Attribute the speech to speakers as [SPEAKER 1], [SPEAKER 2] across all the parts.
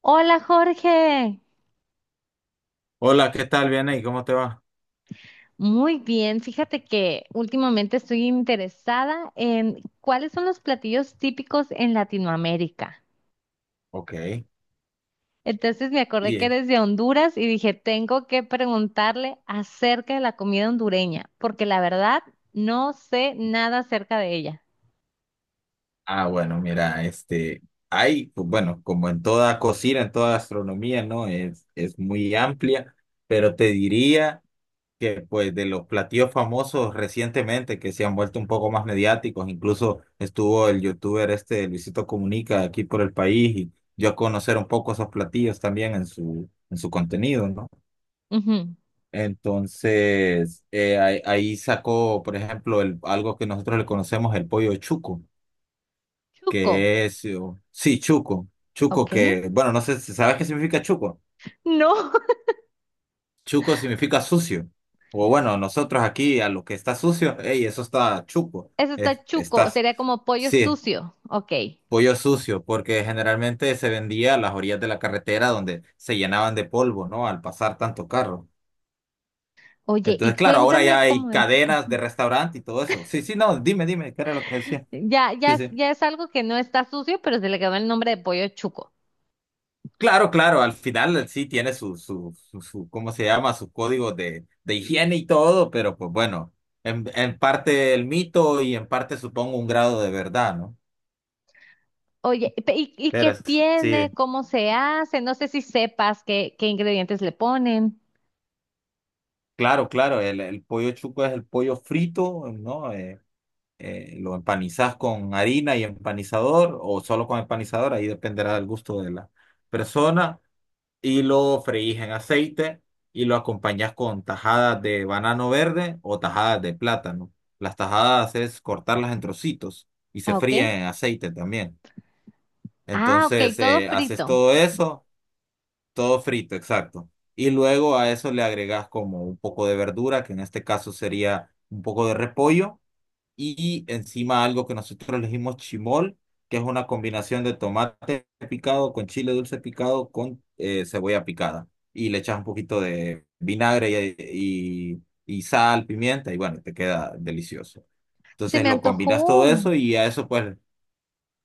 [SPEAKER 1] Hola Jorge,
[SPEAKER 2] Hola, ¿qué tal? Bien ahí, ¿cómo te va?
[SPEAKER 1] muy bien. Fíjate que últimamente estoy interesada en cuáles son los platillos típicos en Latinoamérica.
[SPEAKER 2] Ok.
[SPEAKER 1] Entonces me acordé
[SPEAKER 2] Y,
[SPEAKER 1] que
[SPEAKER 2] eh,
[SPEAKER 1] eres de Honduras y dije, tengo que preguntarle acerca de la comida hondureña, porque la verdad no sé nada acerca de ella.
[SPEAKER 2] bueno, mira, hay, pues, bueno, como en toda cocina, en toda gastronomía, ¿no? Es muy amplia, pero te diría que, pues, de los platillos famosos recientemente que se han vuelto un poco más mediáticos, incluso estuvo el youtuber este Luisito Comunica aquí por el país y dio a conocer un poco esos platillos también en su contenido, ¿no?
[SPEAKER 1] Ujú.
[SPEAKER 2] Entonces, ahí sacó, por ejemplo, el, algo que nosotros le conocemos, el pollo chuco,
[SPEAKER 1] Chuco,
[SPEAKER 2] que es, sí, chuco, chuco
[SPEAKER 1] ¿ok?
[SPEAKER 2] que, bueno, no sé, ¿sabes qué significa chuco?
[SPEAKER 1] No,
[SPEAKER 2] Chuco significa sucio. O bueno, nosotros aquí a lo que está sucio, hey, eso está chuco,
[SPEAKER 1] eso está chuco,
[SPEAKER 2] estás,
[SPEAKER 1] sería como pollo
[SPEAKER 2] sí,
[SPEAKER 1] sucio, ¿ok?
[SPEAKER 2] pollo sucio, porque generalmente se vendía a las orillas de la carretera donde se llenaban de polvo, ¿no? Al pasar tanto carro.
[SPEAKER 1] Oye, y
[SPEAKER 2] Entonces, claro, ahora ya
[SPEAKER 1] cuéntame
[SPEAKER 2] hay
[SPEAKER 1] cómo es.
[SPEAKER 2] cadenas de restaurante y todo eso. Sí, sí, no, dime, dime, ¿qué era lo que decía?
[SPEAKER 1] Ya, ya,
[SPEAKER 2] Sí, sí.
[SPEAKER 1] ya es algo que no está sucio, pero se le quedó el nombre de pollo chuco.
[SPEAKER 2] Claro, claro, al final sí tiene su, ¿cómo se llama? Su código de higiene y todo, pero pues bueno, en parte el mito y en parte supongo un grado de verdad, ¿no?
[SPEAKER 1] Oye, ¿y, qué tiene?
[SPEAKER 2] Sí,
[SPEAKER 1] ¿Cómo se hace? No sé si sepas qué ingredientes le ponen.
[SPEAKER 2] claro, claro, el pollo chuco es el pollo frito, ¿no? Lo empanizas con harina y empanizador o solo con empanizador, ahí dependerá del gusto de la persona. Y lo freís en aceite y lo acompañas con tajadas de banano verde o tajadas de plátano. Las tajadas es cortarlas en trocitos y se
[SPEAKER 1] Ah, ok.
[SPEAKER 2] fríen en aceite también.
[SPEAKER 1] Ah, ok,
[SPEAKER 2] Entonces,
[SPEAKER 1] todo
[SPEAKER 2] haces
[SPEAKER 1] frito.
[SPEAKER 2] todo eso, todo frito, exacto. Y luego a eso le agregas como un poco de verdura, que en este caso sería un poco de repollo y encima algo que nosotros elegimos chimol, que es una combinación de tomate picado con chile dulce picado con cebolla picada. Y le echas un poquito de vinagre y sal, pimienta, y bueno, te queda delicioso.
[SPEAKER 1] Se
[SPEAKER 2] Entonces
[SPEAKER 1] me
[SPEAKER 2] lo combinas todo
[SPEAKER 1] antojó.
[SPEAKER 2] eso y a eso pues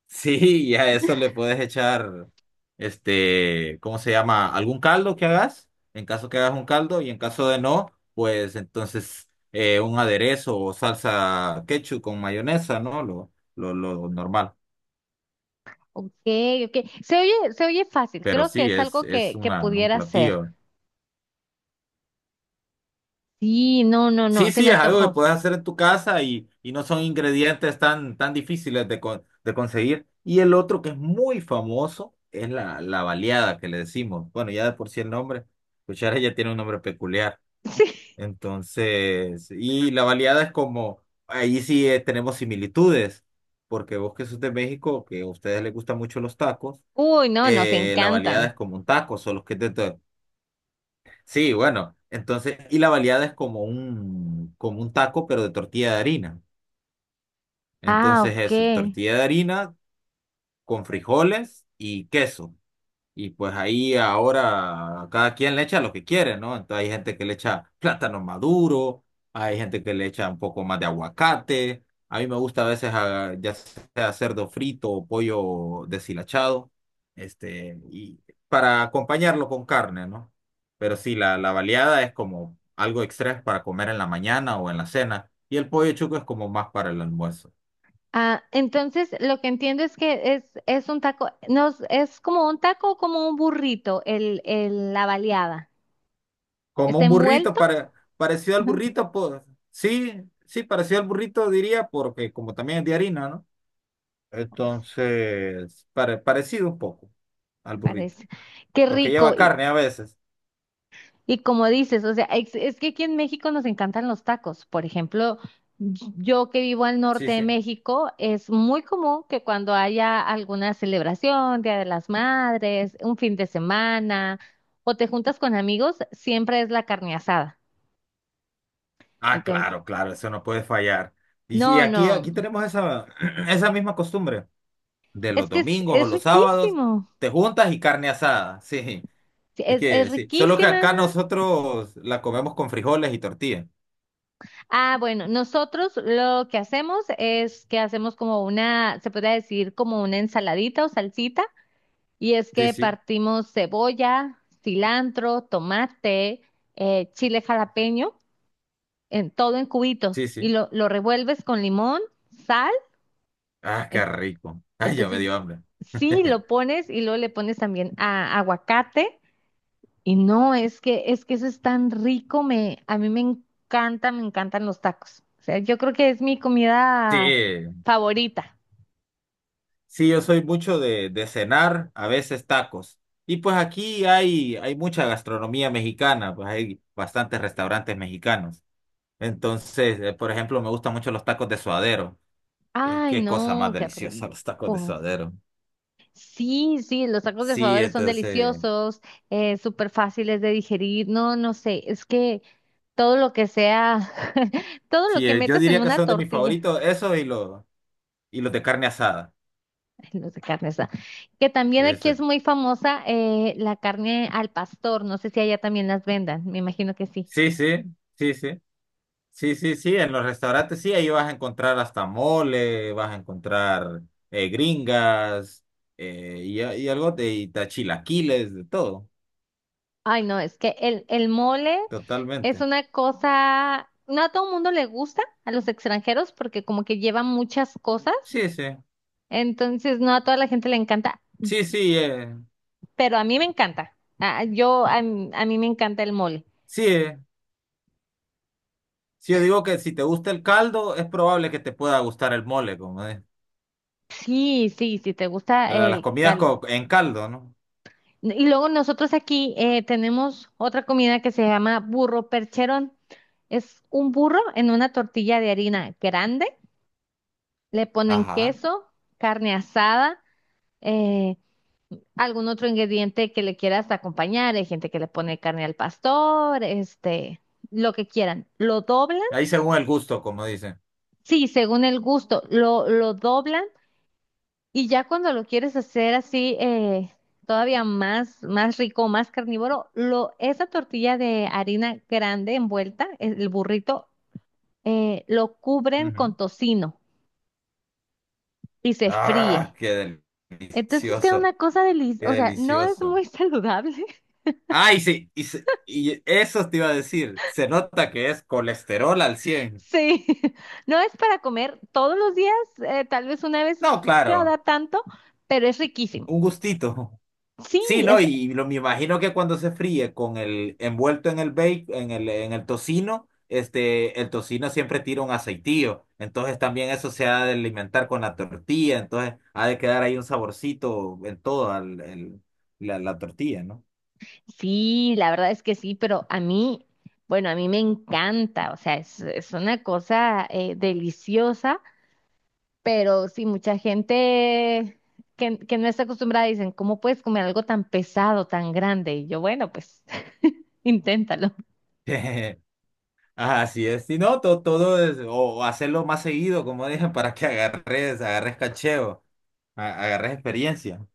[SPEAKER 2] sí, y a eso le puedes echar, ¿cómo se llama? ¿Algún caldo que hagas? En caso que hagas un caldo y en caso de no, pues entonces un aderezo o salsa ketchup con mayonesa, ¿no? Lo normal.
[SPEAKER 1] Ok, ok. Se oye fácil.
[SPEAKER 2] Pero
[SPEAKER 1] Creo que
[SPEAKER 2] sí,
[SPEAKER 1] es algo
[SPEAKER 2] es
[SPEAKER 1] que
[SPEAKER 2] una, un
[SPEAKER 1] pudiera hacer.
[SPEAKER 2] platillo.
[SPEAKER 1] Sí, no, no, no.
[SPEAKER 2] Sí,
[SPEAKER 1] Se me
[SPEAKER 2] sí, es algo que
[SPEAKER 1] antojó.
[SPEAKER 2] puedes hacer en tu casa y no son ingredientes tan difíciles de conseguir. Y el otro que es muy famoso es la, la baleada que le decimos. Bueno, ya de por sí el nombre, cuchara ya tiene un nombre peculiar.
[SPEAKER 1] Sí.
[SPEAKER 2] Entonces, y la baleada es como, ahí sí tenemos similitudes, porque vos que sos de México, que a ustedes les gustan mucho los tacos,
[SPEAKER 1] Uy, no, nos
[SPEAKER 2] la baleada
[SPEAKER 1] encantan.
[SPEAKER 2] es como un taco, solo que es de, sí, bueno, entonces, y la baleada es como un taco, pero de tortilla de harina.
[SPEAKER 1] Ah,
[SPEAKER 2] Entonces, eso,
[SPEAKER 1] ok.
[SPEAKER 2] tortilla de harina con frijoles y queso. Y pues ahí ahora cada quien le echa lo que quiere, ¿no? Entonces hay gente que le echa plátano maduro, hay gente que le echa un poco más de aguacate. A mí me gusta a veces ya sea cerdo frito o pollo deshilachado, este, y para acompañarlo con carne, ¿no? Pero sí, la baleada es como algo extra para comer en la mañana o en la cena, y el pollo chuco es como más para el almuerzo.
[SPEAKER 1] Ah, entonces lo que entiendo es es un taco, no, es como un taco o como un burrito, la baleada.
[SPEAKER 2] Como
[SPEAKER 1] ¿Está
[SPEAKER 2] un burrito,
[SPEAKER 1] envuelto?
[SPEAKER 2] para, parecido al
[SPEAKER 1] Ujú.
[SPEAKER 2] burrito, pues sí, sí, parecido al burrito diría, porque como también es de harina, ¿no?
[SPEAKER 1] Sí,
[SPEAKER 2] Entonces, parecido un poco al burrito,
[SPEAKER 1] parece. Qué
[SPEAKER 2] porque lleva
[SPEAKER 1] rico.
[SPEAKER 2] carne a veces.
[SPEAKER 1] Como dices, o sea, es que aquí en México nos encantan los tacos. Por ejemplo, yo que vivo al
[SPEAKER 2] Sí,
[SPEAKER 1] norte de
[SPEAKER 2] sí.
[SPEAKER 1] México, es muy común que cuando haya alguna celebración, Día de las Madres, un fin de semana, o te juntas con amigos, siempre es la carne asada.
[SPEAKER 2] Ah,
[SPEAKER 1] Entonces,
[SPEAKER 2] claro, claro, eso no puede fallar. Y si
[SPEAKER 1] no,
[SPEAKER 2] aquí, aquí
[SPEAKER 1] no.
[SPEAKER 2] tenemos esa, esa misma costumbre de los
[SPEAKER 1] Es
[SPEAKER 2] domingos o
[SPEAKER 1] es
[SPEAKER 2] los sábados,
[SPEAKER 1] riquísimo.
[SPEAKER 2] te juntas y carne asada, sí.
[SPEAKER 1] Sí,
[SPEAKER 2] Es
[SPEAKER 1] es
[SPEAKER 2] que sí, solo que
[SPEAKER 1] riquísima.
[SPEAKER 2] acá nosotros la comemos con frijoles y tortilla.
[SPEAKER 1] Ah, bueno, nosotros lo que hacemos es que hacemos como una, se podría decir como una ensaladita o salsita, y es
[SPEAKER 2] Sí,
[SPEAKER 1] que
[SPEAKER 2] sí,
[SPEAKER 1] partimos cebolla, cilantro, tomate, chile jalapeño, en todo en cubitos,
[SPEAKER 2] sí,
[SPEAKER 1] y
[SPEAKER 2] sí.
[SPEAKER 1] lo revuelves con limón, sal,
[SPEAKER 2] Ah, qué
[SPEAKER 1] en-
[SPEAKER 2] rico. Ay, ya me
[SPEAKER 1] entonces
[SPEAKER 2] dio hambre.
[SPEAKER 1] sí lo pones y luego le pones también aguacate. Y no, es que eso es tan rico, me a mí me encanta, me encantan los tacos. O sea, yo creo que es mi comida
[SPEAKER 2] Sí,
[SPEAKER 1] favorita.
[SPEAKER 2] sí, yo soy mucho de cenar, a veces tacos. Y pues aquí hay, hay mucha gastronomía mexicana, pues hay bastantes restaurantes mexicanos. Entonces, por ejemplo, me gustan mucho los tacos de suadero. Y
[SPEAKER 1] Ay,
[SPEAKER 2] qué cosa más
[SPEAKER 1] no, qué
[SPEAKER 2] deliciosa los tacos de
[SPEAKER 1] rico.
[SPEAKER 2] suadero.
[SPEAKER 1] Sí, sí, los tacos de
[SPEAKER 2] Sí,
[SPEAKER 1] suadero son
[SPEAKER 2] entonces,
[SPEAKER 1] deliciosos, súper fáciles de digerir. No, no sé, es que todo lo que sea, todo lo
[SPEAKER 2] sí,
[SPEAKER 1] que
[SPEAKER 2] yo
[SPEAKER 1] metas en
[SPEAKER 2] diría que
[SPEAKER 1] una
[SPEAKER 2] son de mis
[SPEAKER 1] tortilla,
[SPEAKER 2] favoritos, esos y los de carne asada.
[SPEAKER 1] no sé, carne esa, que también aquí
[SPEAKER 2] Eso.
[SPEAKER 1] es muy famosa, la carne al pastor. No sé si allá también las vendan, me imagino que sí.
[SPEAKER 2] Sí, sí, sí, sí. Sí, sí, sí, en los restaurantes sí, ahí vas a encontrar hasta mole, vas a encontrar gringas y algo de tachilaquiles, de todo,
[SPEAKER 1] Ay, no, es que el mole es
[SPEAKER 2] totalmente.
[SPEAKER 1] una cosa, no a todo el mundo le gusta, a los extranjeros, porque como que lleva muchas cosas,
[SPEAKER 2] Sí, sí,
[SPEAKER 1] entonces no a toda la gente le encanta,
[SPEAKER 2] sí, sí,
[SPEAKER 1] pero a mí me encanta. Ah, yo, a mí me encanta el mole.
[SPEAKER 2] sí, eh. Sí, yo digo que si te gusta el caldo, es probable que te pueda gustar el mole, como es.
[SPEAKER 1] Sí, sí, sí, te gusta
[SPEAKER 2] Las
[SPEAKER 1] el
[SPEAKER 2] comidas
[SPEAKER 1] caldo.
[SPEAKER 2] en caldo, ¿no?
[SPEAKER 1] Y luego nosotros aquí tenemos otra comida que se llama burro percherón. Es un burro en una tortilla de harina grande, le ponen
[SPEAKER 2] Ajá.
[SPEAKER 1] queso, carne asada, eh, algún otro ingrediente que le quieras acompañar. Hay gente que le pone carne al pastor, este, lo que quieran. Lo doblan,
[SPEAKER 2] Ahí según el gusto, como dicen.
[SPEAKER 1] sí, según el gusto, lo doblan y ya cuando lo quieres hacer así, todavía más, más rico, más carnívoro, lo, esa tortilla de harina grande envuelta, el burrito, lo cubren
[SPEAKER 2] Ujú.
[SPEAKER 1] con tocino y se
[SPEAKER 2] Ah,
[SPEAKER 1] fríe.
[SPEAKER 2] qué
[SPEAKER 1] Entonces queda
[SPEAKER 2] delicioso,
[SPEAKER 1] una cosa
[SPEAKER 2] qué
[SPEAKER 1] deliciosa, o sea, no es
[SPEAKER 2] delicioso.
[SPEAKER 1] muy saludable.
[SPEAKER 2] Ah, y, sí, y eso te iba a decir. Se nota que es colesterol al cien.
[SPEAKER 1] Sí, no es para comer todos los días, tal vez una vez
[SPEAKER 2] No,
[SPEAKER 1] cada
[SPEAKER 2] claro,
[SPEAKER 1] tanto, pero es riquísimo.
[SPEAKER 2] un gustito.
[SPEAKER 1] Sí,
[SPEAKER 2] Sí, no,
[SPEAKER 1] es,
[SPEAKER 2] y lo, me imagino que cuando se fríe con el envuelto en el bake, en el tocino, este, el tocino siempre tira un aceitillo. Entonces también eso se ha de alimentar con la tortilla. Entonces ha de quedar ahí un saborcito en la, la tortilla, ¿no?
[SPEAKER 1] sí, la verdad es que sí, pero a mí, bueno, a mí me encanta, o sea, es una cosa deliciosa, pero sí, mucha gente que no está acostumbrada dicen, ¿cómo puedes comer algo tan pesado, tan grande? Y yo, bueno, pues inténtalo.
[SPEAKER 2] Así es, si no, todo, es, o hacerlo más seguido, como dije, para que agarres, agarres cacheo, agarres experiencia.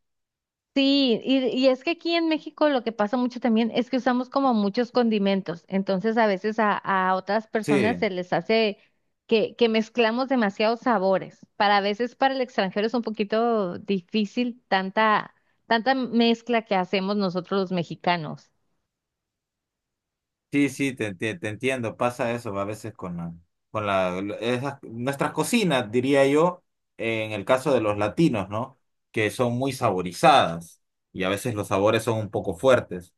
[SPEAKER 1] Sí, y es que aquí en México lo que pasa mucho también es que usamos como muchos condimentos, entonces a veces a otras personas
[SPEAKER 2] Sí,
[SPEAKER 1] se les hace que mezclamos demasiados sabores. Para A veces para el extranjero es un poquito difícil tanta mezcla que hacemos nosotros los mexicanos.
[SPEAKER 2] sí, sí, te entiendo, pasa eso a veces con la, nuestras cocinas, diría yo, en el caso de los latinos, ¿no? Que son muy saborizadas y a veces los sabores son un poco fuertes.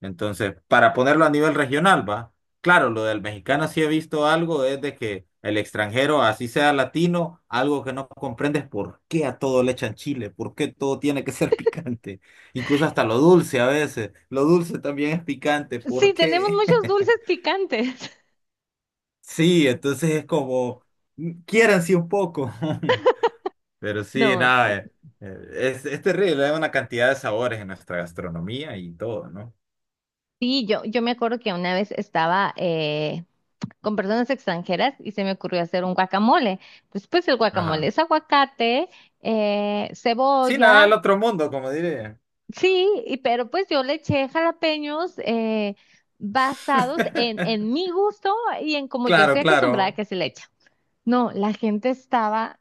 [SPEAKER 2] Entonces, para ponerlo a nivel regional, va. Claro, lo del mexicano sí he visto algo, es de que el extranjero, así sea latino, algo que no comprendes por qué a todo le echan chile, por qué todo tiene que ser picante, incluso hasta lo dulce a veces, lo dulce también es picante,
[SPEAKER 1] Sí,
[SPEAKER 2] ¿por
[SPEAKER 1] tenemos
[SPEAKER 2] qué?
[SPEAKER 1] muchos dulces picantes.
[SPEAKER 2] Sí, entonces es como, quiéranse un poco, pero sí,
[SPEAKER 1] No,
[SPEAKER 2] nada,
[SPEAKER 1] sí,
[SPEAKER 2] es terrible, hay una cantidad de sabores en nuestra gastronomía y todo, ¿no?
[SPEAKER 1] sí, yo me acuerdo que una vez estaba con personas extranjeras y se me ocurrió hacer un guacamole. Después el guacamole
[SPEAKER 2] Ajá.
[SPEAKER 1] es aguacate,
[SPEAKER 2] Sí, nada, el
[SPEAKER 1] cebolla,
[SPEAKER 2] otro mundo, como diré.
[SPEAKER 1] sí, pero pues yo le eché jalapeños, basados en mi gusto y en como yo
[SPEAKER 2] Claro,
[SPEAKER 1] estoy acostumbrada
[SPEAKER 2] claro.
[SPEAKER 1] que se le echa. No, la gente estaba,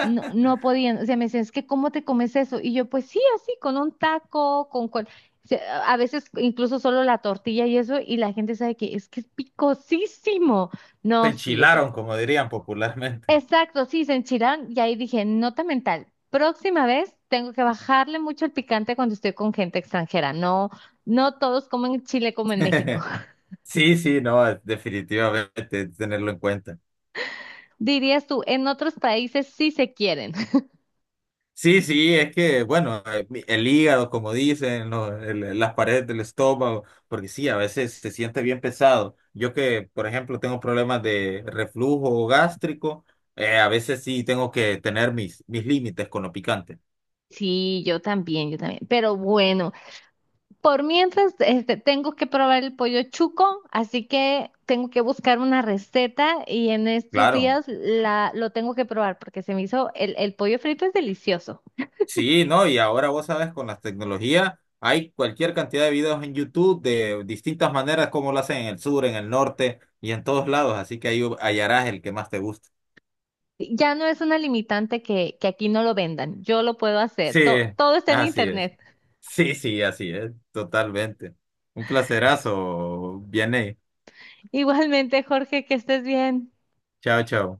[SPEAKER 1] no, no podían, o sea, me decían, es que ¿cómo te comes eso? Y yo, pues sí, así, con un taco, con... a veces incluso solo la tortilla y eso, y la gente sabe que es picosísimo.
[SPEAKER 2] Se
[SPEAKER 1] No, sí, o
[SPEAKER 2] enchilaron,
[SPEAKER 1] sea.
[SPEAKER 2] como dirían popularmente.
[SPEAKER 1] Exacto, sí, se enchilaron y ahí dije, nota mental, próxima vez tengo que bajarle mucho el picante cuando estoy con gente extranjera. No, no todos comen chile como en México.
[SPEAKER 2] Sí, sí, no, definitivamente tenerlo en cuenta.
[SPEAKER 1] Dirías tú, en otros países sí se quieren.
[SPEAKER 2] Sí, sí, es que, bueno, el hígado, como dicen, las paredes del estómago, porque sí, a veces se siente bien pesado. Yo que, por ejemplo, tengo problemas de reflujo gástrico, a veces sí tengo que tener mis, mis límites con lo picante.
[SPEAKER 1] Sí, yo también, yo también. Pero bueno, por mientras, este, tengo que probar el pollo chuco, así que tengo que buscar una receta y en estos
[SPEAKER 2] Claro.
[SPEAKER 1] días lo tengo que probar porque se me hizo, el pollo frito es delicioso.
[SPEAKER 2] Sí, no, y ahora vos sabes, con las tecnologías hay cualquier cantidad de videos en YouTube de distintas maneras como lo hacen en el sur, en el norte y en todos lados, así que ahí hallarás el que más te guste.
[SPEAKER 1] Ya no es una limitante que aquí no lo vendan. Yo lo puedo hacer.
[SPEAKER 2] Sí,
[SPEAKER 1] Todo está en
[SPEAKER 2] así es.
[SPEAKER 1] internet.
[SPEAKER 2] Sí, sí, así es, totalmente. Un placerazo, Vianey.
[SPEAKER 1] Igualmente, Jorge, que estés bien.
[SPEAKER 2] Chao, chao.